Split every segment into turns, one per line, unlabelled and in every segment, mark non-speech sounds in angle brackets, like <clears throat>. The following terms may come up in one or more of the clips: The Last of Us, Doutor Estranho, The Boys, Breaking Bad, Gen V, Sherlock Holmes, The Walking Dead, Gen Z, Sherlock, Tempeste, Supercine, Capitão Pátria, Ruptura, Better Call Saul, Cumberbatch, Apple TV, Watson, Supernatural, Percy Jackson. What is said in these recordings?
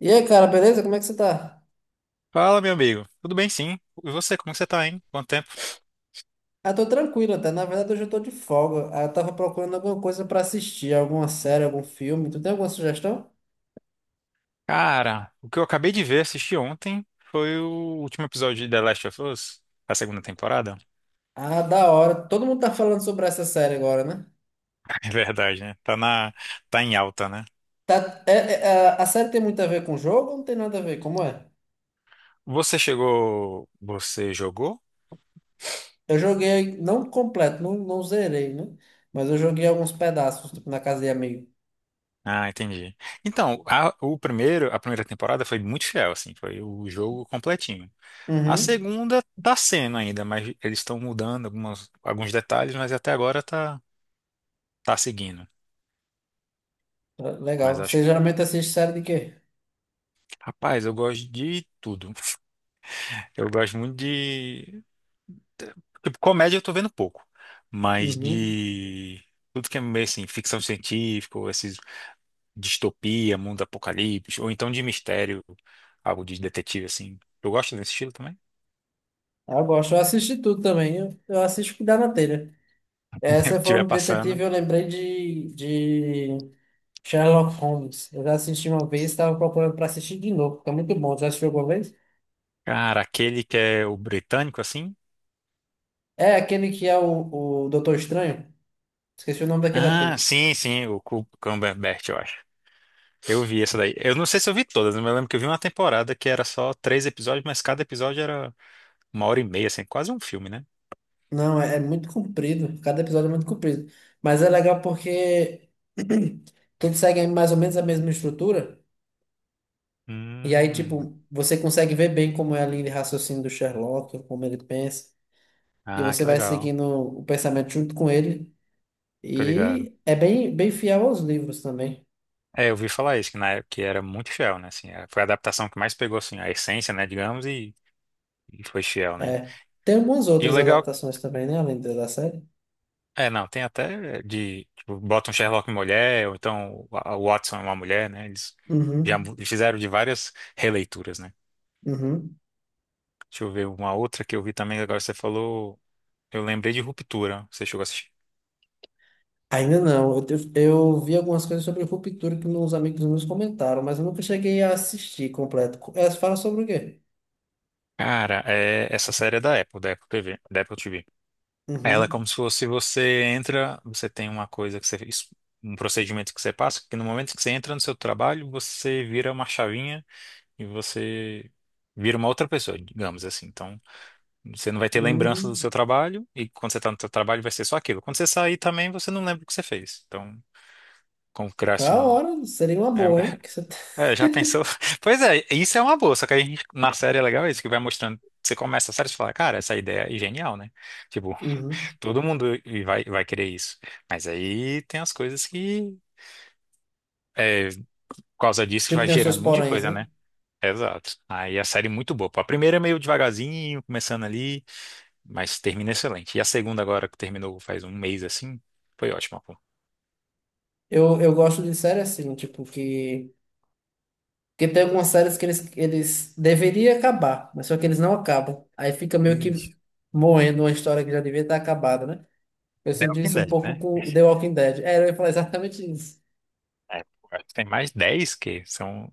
E aí, cara, beleza? Como é que você tá?
Fala, meu amigo. Tudo bem, sim. E você, como que você tá, hein? Quanto tempo?
Ah, tô tranquilo até. Na verdade, hoje eu tô de folga. Ah, eu tava procurando alguma coisa pra assistir, alguma série, algum filme. Tu tem alguma sugestão?
Cara, o que eu acabei de ver, assisti ontem, foi o último episódio de The Last of Us, a segunda temporada.
Ah, da hora. Todo mundo tá falando sobre essa série agora, né?
<laughs> É verdade, né? Tá em alta, né?
Tá, é, é, a série tem muito a ver com o jogo ou não tem nada a ver? Como é?
Você jogou?
Eu joguei, não completo, não, não zerei, né? Mas eu joguei alguns pedaços, tipo, na casa de amigo.
Ah, entendi. Então, a primeira temporada foi muito fiel, assim, foi o jogo completinho. A
Uhum.
segunda tá sendo ainda, mas eles estão mudando alguns detalhes, mas até agora tá seguindo. Mas
Legal. Você
acho,
geralmente assiste série de quê?
Rapaz, eu gosto de tudo. Eu gosto muito de. Tipo, comédia eu tô vendo pouco. Mas
Uhum.
de. Tudo que é meio assim, ficção científica, ou esses distopia, mundo apocalipse, ou então de mistério, algo de detetive, assim. Eu gosto desse estilo também.
Ah, eu gosto. Eu assisti tudo também. Eu assisto o que dá na telha.
<laughs> Se
Essa forma
tiver
de detetive
passando.
eu lembrei de Sherlock Holmes. Eu já assisti uma vez, estava procurando para assistir de novo, porque é muito bom. Já assistiu alguma vez?
Cara, aquele que é o britânico, assim.
É aquele que é o Doutor Estranho? Esqueci o nome daquele ator.
Ah, sim, sim, o Cumberbatch, eu acho. Eu vi essa daí. Eu não sei se eu vi todas, mas eu lembro que eu vi uma temporada que era só três episódios, mas cada episódio era. Uma hora e meia, assim, quase um filme, né?
Não, é, é muito comprido. Cada episódio é muito comprido. Mas é legal porque <clears throat> todos seguem mais ou menos a mesma estrutura. E aí,
Hum.
tipo, você consegue ver bem como é a linha de raciocínio do Sherlock, como ele pensa. E
Ah,
você
que
vai
legal.
seguindo o pensamento junto com ele.
Tô ligado.
E é bem, bem fiel aos livros também.
É, eu ouvi falar isso, que na época que era muito fiel, né? Assim, foi a adaptação que mais pegou, assim, a essência, né, digamos, e foi fiel, né?
É. Tem algumas
E o
outras
legal...
adaptações também, né? Além da série.
É, não, tem até é, de... Tipo, bota um Sherlock mulher, ou então o Watson é uma mulher, né? Eles já
Uhum,
fizeram de várias releituras, né?
uhum.
Deixa eu ver uma outra que eu vi também, agora você falou... Eu lembrei de Ruptura, você chegou a assistir.
Ainda não. Eu, eu vi algumas coisas sobre Ruptura que meus amigos meus comentaram, mas eu nunca cheguei a assistir completo. Elas falam sobre o quê?
Cara, é, essa série é da Apple TV, da Apple TV. Ela é como
Uhum.
se fosse você entra, você tem uma coisa que você fez, um procedimento que você passa, que no momento que você entra no seu trabalho, você vira uma chavinha e você vira uma outra pessoa, digamos assim. Então, você não vai ter lembrança do seu
Hum.
trabalho e quando você está no seu trabalho vai ser só aquilo. Quando você sair também, você não lembra o que você fez. Então, como criasse
Da
um
hora. Seria uma
é,
boa, hein? Porque você... <laughs>
<laughs> é, já pensou? <laughs> Pois é, isso é uma boa, só que a gente, na série é legal isso, que vai mostrando, você começa a série e você fala, cara, essa ideia é genial, né? Tipo,
Uhum.
todo mundo e vai querer isso. Mas aí tem as coisas que, por causa disso,
Tipo,
vai
tem os seus
gerando um monte de
poréns,
coisa,
né?
né? Exato. Aí a série é muito boa. Pô, a primeira é meio devagarzinho, começando ali, mas termina excelente. E a segunda, agora que terminou faz um mês assim, foi ótima, pô.
Eu gosto de série assim, tipo, que porque tem algumas séries que eles deveriam acabar, mas só que eles não acabam. Aí fica meio
Ixi.
que morrendo uma história que já devia estar acabada, né? Eu
The
senti
Walking
isso um
Dead,
pouco
né?
com The Walking Dead. É, eu ia falar exatamente isso.
É, pô, acho que tem mais 10 que são.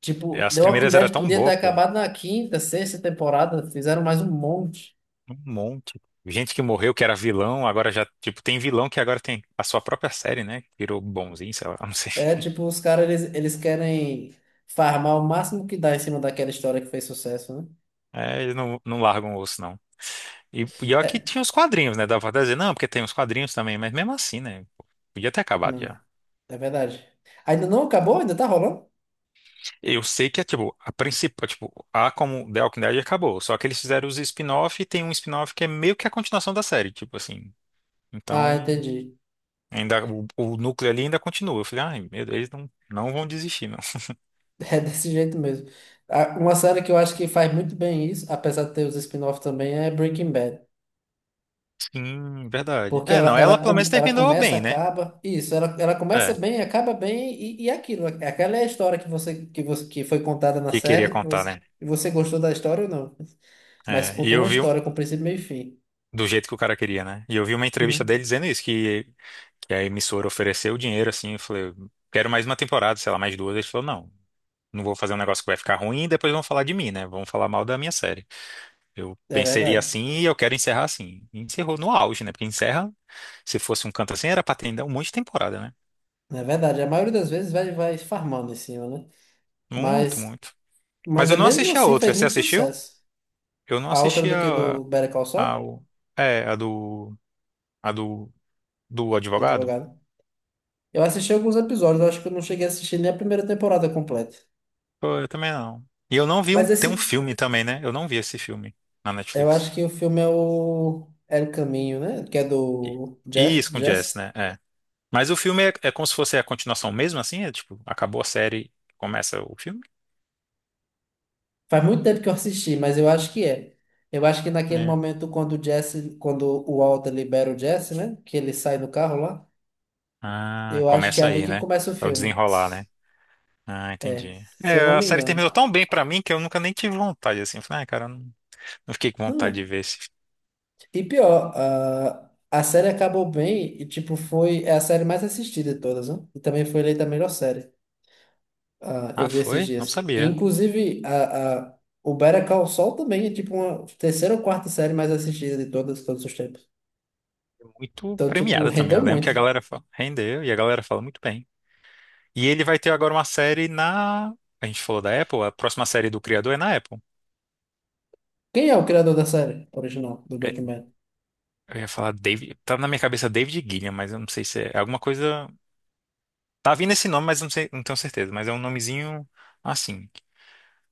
Tipo,
As
The Walking
primeiras eram
Dead
tão
podia ter
boas, pô.
acabado na quinta, sexta temporada, fizeram mais um monte.
Um monte. Gente que morreu, que era vilão, agora já, tipo, tem vilão que agora tem a sua própria série, né? Virou bonzinho, sei lá, <laughs> não sei.
É, tipo, os caras, eles querem farmar o máximo que dá em cima daquela história que fez sucesso, né?
É, eles não largam o osso, não. E pior que tinha os quadrinhos, né? Dava pra dizer, não, porque tem os quadrinhos também, mas mesmo assim, né? Podia ter acabado
Não, é
já.
não, é verdade. Ainda não acabou? Ainda tá rolando?
Eu sei que é, tipo, a principal, tipo, a como The Walking Dead acabou, só que eles fizeram os spin-off e tem um spin-off que é meio que a continuação da série, tipo assim.
Ah,
Então,
entendi.
ainda, o núcleo ali ainda continua. Eu falei, ai, meu Deus, eles não vão desistir, não.
<laughs> É desse jeito mesmo. Uma série que eu acho que faz muito bem isso, apesar de ter os spin-off também, é Breaking Bad.
<laughs> Sim, verdade.
Porque
É,
ela,
não, ela
ela,
pelo menos
com- ela
terminou
começa,
bem, né?
acaba. Isso, ela começa
É,
bem, acaba bem, e aquilo. Aquela é a história que você que foi contada na
que queria
série. E
contar,
você,
né?
e você gostou da história ou não? Mas
É, e
contou
eu
uma
vi,
história com princípio, meio e fim.
do jeito que o cara queria, né? E eu vi uma entrevista
Uhum.
dele dizendo isso, que a emissora ofereceu o dinheiro, assim, eu falei, quero mais uma temporada, sei lá, mais duas. Ele falou, não, não vou fazer um negócio que vai ficar ruim e depois vão falar de mim, né? Vão falar mal da minha série. Eu
É
pensei
verdade.
assim e eu quero encerrar assim. E encerrou no auge, né? Porque encerra, se fosse um canto assim, era pra ter ainda um monte de temporada, né?
É verdade. A maioria das vezes vai, vai farmando em cima, né?
Muito,
Mas,
muito. Mas
mas é
eu não
mesmo
assisti a
assim
outra.
fez
Você
muito
assistiu?
sucesso.
Eu não
A outra
assisti
do que do Better Call
a,
Saul,
o- é, a do, do
do
advogado.
advogado. Eu assisti alguns episódios, eu acho que eu não cheguei a assistir nem a primeira temporada completa.
Pô, eu também não. E eu não vi um.
Mas
Tem um
esse,
filme também, né? Eu não vi esse filme na
eu
Netflix.
acho que o filme é o Caminho, né? Que é
E,
do
e
Jess,
isso com Jess,
Jess.
né? É. Mas o filme é, é como se fosse a continuação mesmo, assim? É tipo, acabou a série, começa o filme?
Faz muito tempo que eu assisti, mas eu acho que é. Eu acho que naquele
É.
momento quando o Jess, quando o Walter libera o Jesse, né? Que ele sai do carro lá,
Ah,
eu acho que é
começa
ali
aí,
que
né?
começa o
É o
filme.
desenrolar, né? Ah,
É,
entendi.
se eu não
É, a
me
série
engano.
terminou tão bem pra mim que eu nunca nem tive vontade, assim. Eu falei, ah, cara, eu não fiquei com
Não
vontade
é.
de ver esse.
E pior, a série acabou bem e, tipo, foi é a série mais assistida de todas, né? E também foi eleita a melhor série. Ah, eu
Ah,
vi esses
foi? Não
dias.
sabia.
Inclusive, a, o Better Call Saul também é tipo uma terceira ou quarta série mais assistida de todas, todos os tempos.
Muito
Então, tipo,
premiada também.
rendeu
Eu lembro que
muito.
a galera fala, rendeu e a galera fala muito bem. E ele vai ter agora uma série na. A gente falou da Apple, a próxima série do criador é na Apple.
Quem é o criador da série original do
É,
Breaking Bad?
eu ia falar David. Tá na minha cabeça David Gilliam, mas eu não sei se é alguma coisa. Tá vindo esse nome, mas eu não sei, não tenho certeza. Mas é um nomezinho assim.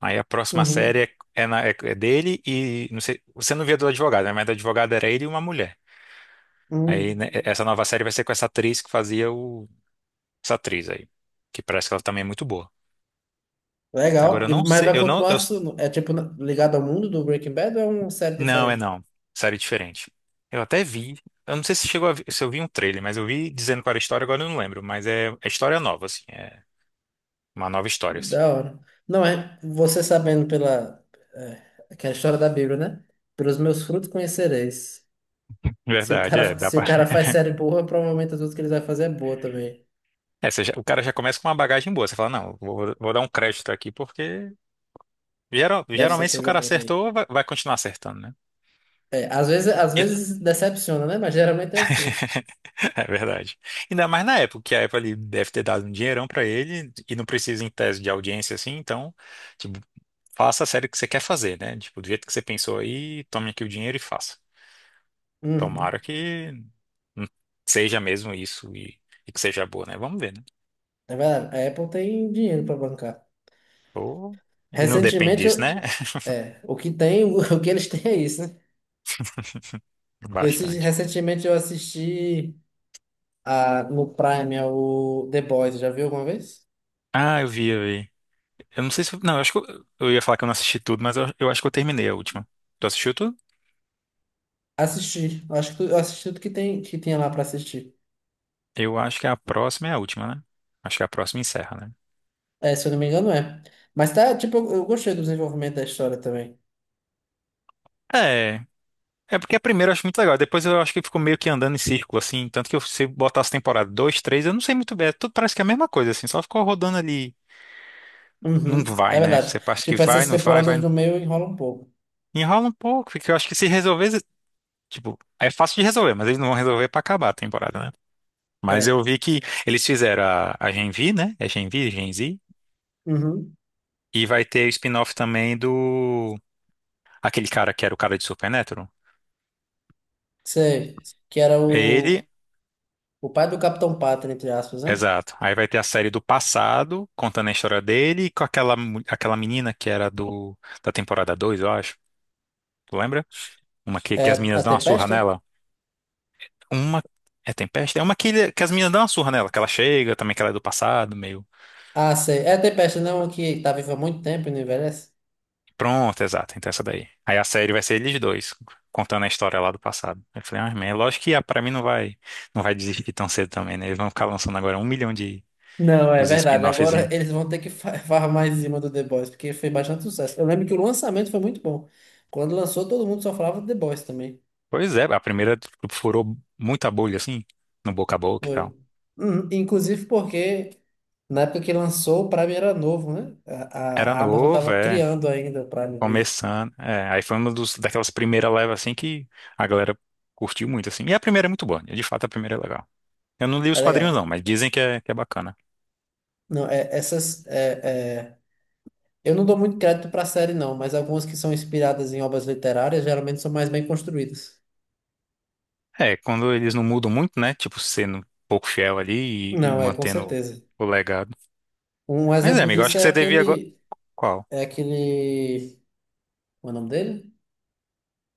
Aí a próxima
Uhum.
série é dele e não sei. Você não via do advogado, né? Mas do advogado era ele e uma mulher. Aí
Hum.
né, é, essa nova série vai ser com essa atriz que fazia o. Essa atriz aí. Que parece que ela também é muito boa.
Legal.
Agora eu
E,
não
mas
sei.
vai
Eu não.
continuar
Eu
ligado ao mundo do Breaking Bad ou é uma série
não, é
diferente?
não. Série diferente. Eu até vi. Eu não sei se chegou a se eu vi um trailer, mas eu vi dizendo qual era a história, agora eu não lembro. Mas é, é história nova, assim. É uma nova história, assim.
Da hora. Não é, você sabendo pela é, aquela história da Bíblia, né? Pelos meus frutos conhecereis. Se o
Verdade, é.
cara,
Dá
se o
pra...
cara faz
<laughs>
série boa, provavelmente as outras que ele vai fazer é boa também.
É, você o cara já começa com uma bagagem boa. Você fala, não, vou, vou dar um crédito aqui, porque
Deve ser
geralmente se o
coisa
cara
boa daí.
acertou, vai continuar acertando, né?
É, às vezes
<laughs>
decepciona, né? Mas geralmente é assim.
É verdade. Ainda mais na época, que a Apple ali deve ter dado um dinheirão pra ele e não precisa em tese de audiência assim, então, tipo, faça a série que você quer fazer, né? Tipo, do jeito que você pensou aí, tome aqui o dinheiro e faça.
Uhum.
Tomara que hum, seja mesmo isso e que seja boa, né? Vamos ver, né?
É verdade. A Apple tem dinheiro para bancar.
Ou- E não depende
Recentemente,
disso,
eu,
né?
é, o que tem, <laughs> o que eles têm é isso, né?
<laughs> Bastante.
Recentemente eu assisti a, no Prime é o The Boys, já viu alguma vez?
Ah, eu vi, eu vi. Eu não sei se. Não, eu acho que eu ia falar que eu não assisti tudo, mas eu acho que eu terminei a última. Tu assistiu tudo?
Assisti. Acho que eu assisti tudo que tem, que tinha lá para assistir.
Eu acho que a próxima é a última, né? Acho que a próxima encerra, né?
É, se eu não me engano, é. Mas tá, tipo, eu gostei do desenvolvimento da história também.
É. É porque a primeira eu acho muito legal, depois eu acho que ficou meio que andando em círculo, assim, tanto que se eu botasse temporada 2, 3, eu não sei muito bem, é tudo parece que é a mesma coisa, assim, só ficou rodando ali, não
Uhum, é
vai, né? Você
verdade.
acha que
Tipo,
vai,
essas
não vai,
temporadas
vai,
do meio enrola um pouco.
enrola um pouco, porque eu acho que se resolver, tipo, é fácil de resolver, mas eles não vão resolver pra acabar a temporada, né? Mas
É.
eu vi que eles fizeram a Gen V, né? É Gen V, Gen Z,
Uhum.
e vai ter o spin-off também do, aquele cara que era o cara de Supernatural.
Sei. Que era
Ele.
o pai do Capitão Pátria, entre aspas, né?
Exato. Aí vai ter a série do passado, contando a história dele, e com aquela, aquela menina que era do da temporada 2 eu acho. Tu lembra? Uma que,
É
que as
a
meninas dão uma surra
Tempesta?
nela. Uma. É Tempeste? É uma que, que as meninas dão uma surra nela, que ela chega, também que ela é do passado, meio.
Ah, sei. É a Tempesta, não, que tá viva há muito tempo e não envelhece?
Pronto, exato. Então essa daí. Aí a série vai ser eles dois, contando a história lá do passado. Aí eu falei, ah, man, lógico que ah, pra mim não vai desistir tão cedo também, né? Eles vão ficar lançando agora um milhão de
Não, é
dos
verdade. Agora
spin-offzinhos.
<laughs> eles vão ter que <laughs> farmar em cima do The Boys, porque foi bastante sucesso. Eu lembro que o lançamento foi muito bom. Quando lançou, todo mundo só falava do The Boys também.
Pois é, a primeira furou muita bolha, assim, no boca a boca e
Foi.
tal.
Inclusive porque na época que lançou, o Prime era novo, né?
Era
A, a Amazon
novo,
tava
é.
criando ainda o Prime Video.
Começando. É, aí foi uma dos, daquelas primeiras levas assim que a galera curtiu muito, assim. E a primeira é muito boa. De fato, a primeira é legal. Eu não li
É
os
legal.
quadrinhos, não, mas dizem que é bacana.
Não, é, essas. É, é, eu não dou muito crédito para a série, não, mas algumas que são inspiradas em obras literárias geralmente são mais bem construídas.
É, quando eles não mudam muito, né? Tipo, sendo um pouco fiel ali e
Não, é, com
mantendo
certeza.
o legado.
Um
Mas é,
exemplo
amigo, eu acho
disso
que
é
você devia agora.
aquele.
Qual?
É aquele. Como é o nome dele?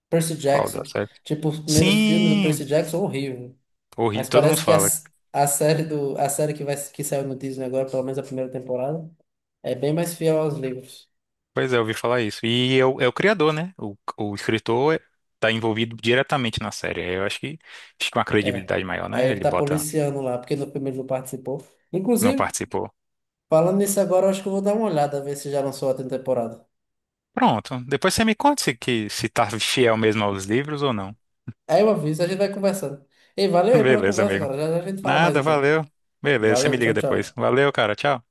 Percy
Qual da
Jackson.
série?
Tipo, o primeiro filme do
Sim!
Percy Jackson, horrível.
Horrível.
Mas
Todo mundo
parece que
fala.
a série do a série que vai que saiu no Disney agora, pelo menos a primeira temporada, é bem mais fiel aos livros.
Pois é, eu ouvi falar isso. E é o criador, né? o, escritor está envolvido diretamente na série. Eu acho que uma
É.
credibilidade maior,
Aí
né?
ele
Ele
tá
bota,
policiando lá, porque no primeiro não participou.
não
Inclusive,
participou.
falando nisso agora, eu acho que eu vou dar uma olhada, ver se já lançou a temporada.
Pronto. Depois você me conta se, que, se tá fiel mesmo aos livros ou não.
Aí eu aviso, a gente vai conversando. Ei,
<laughs>
valeu aí pela
Beleza,
conversa,
amigo.
cara. Já, já a gente fala mais
Nada,
então.
valeu. Beleza, você me
Valeu,
liga
tchau,
depois.
tchau.
Valeu, cara. Tchau.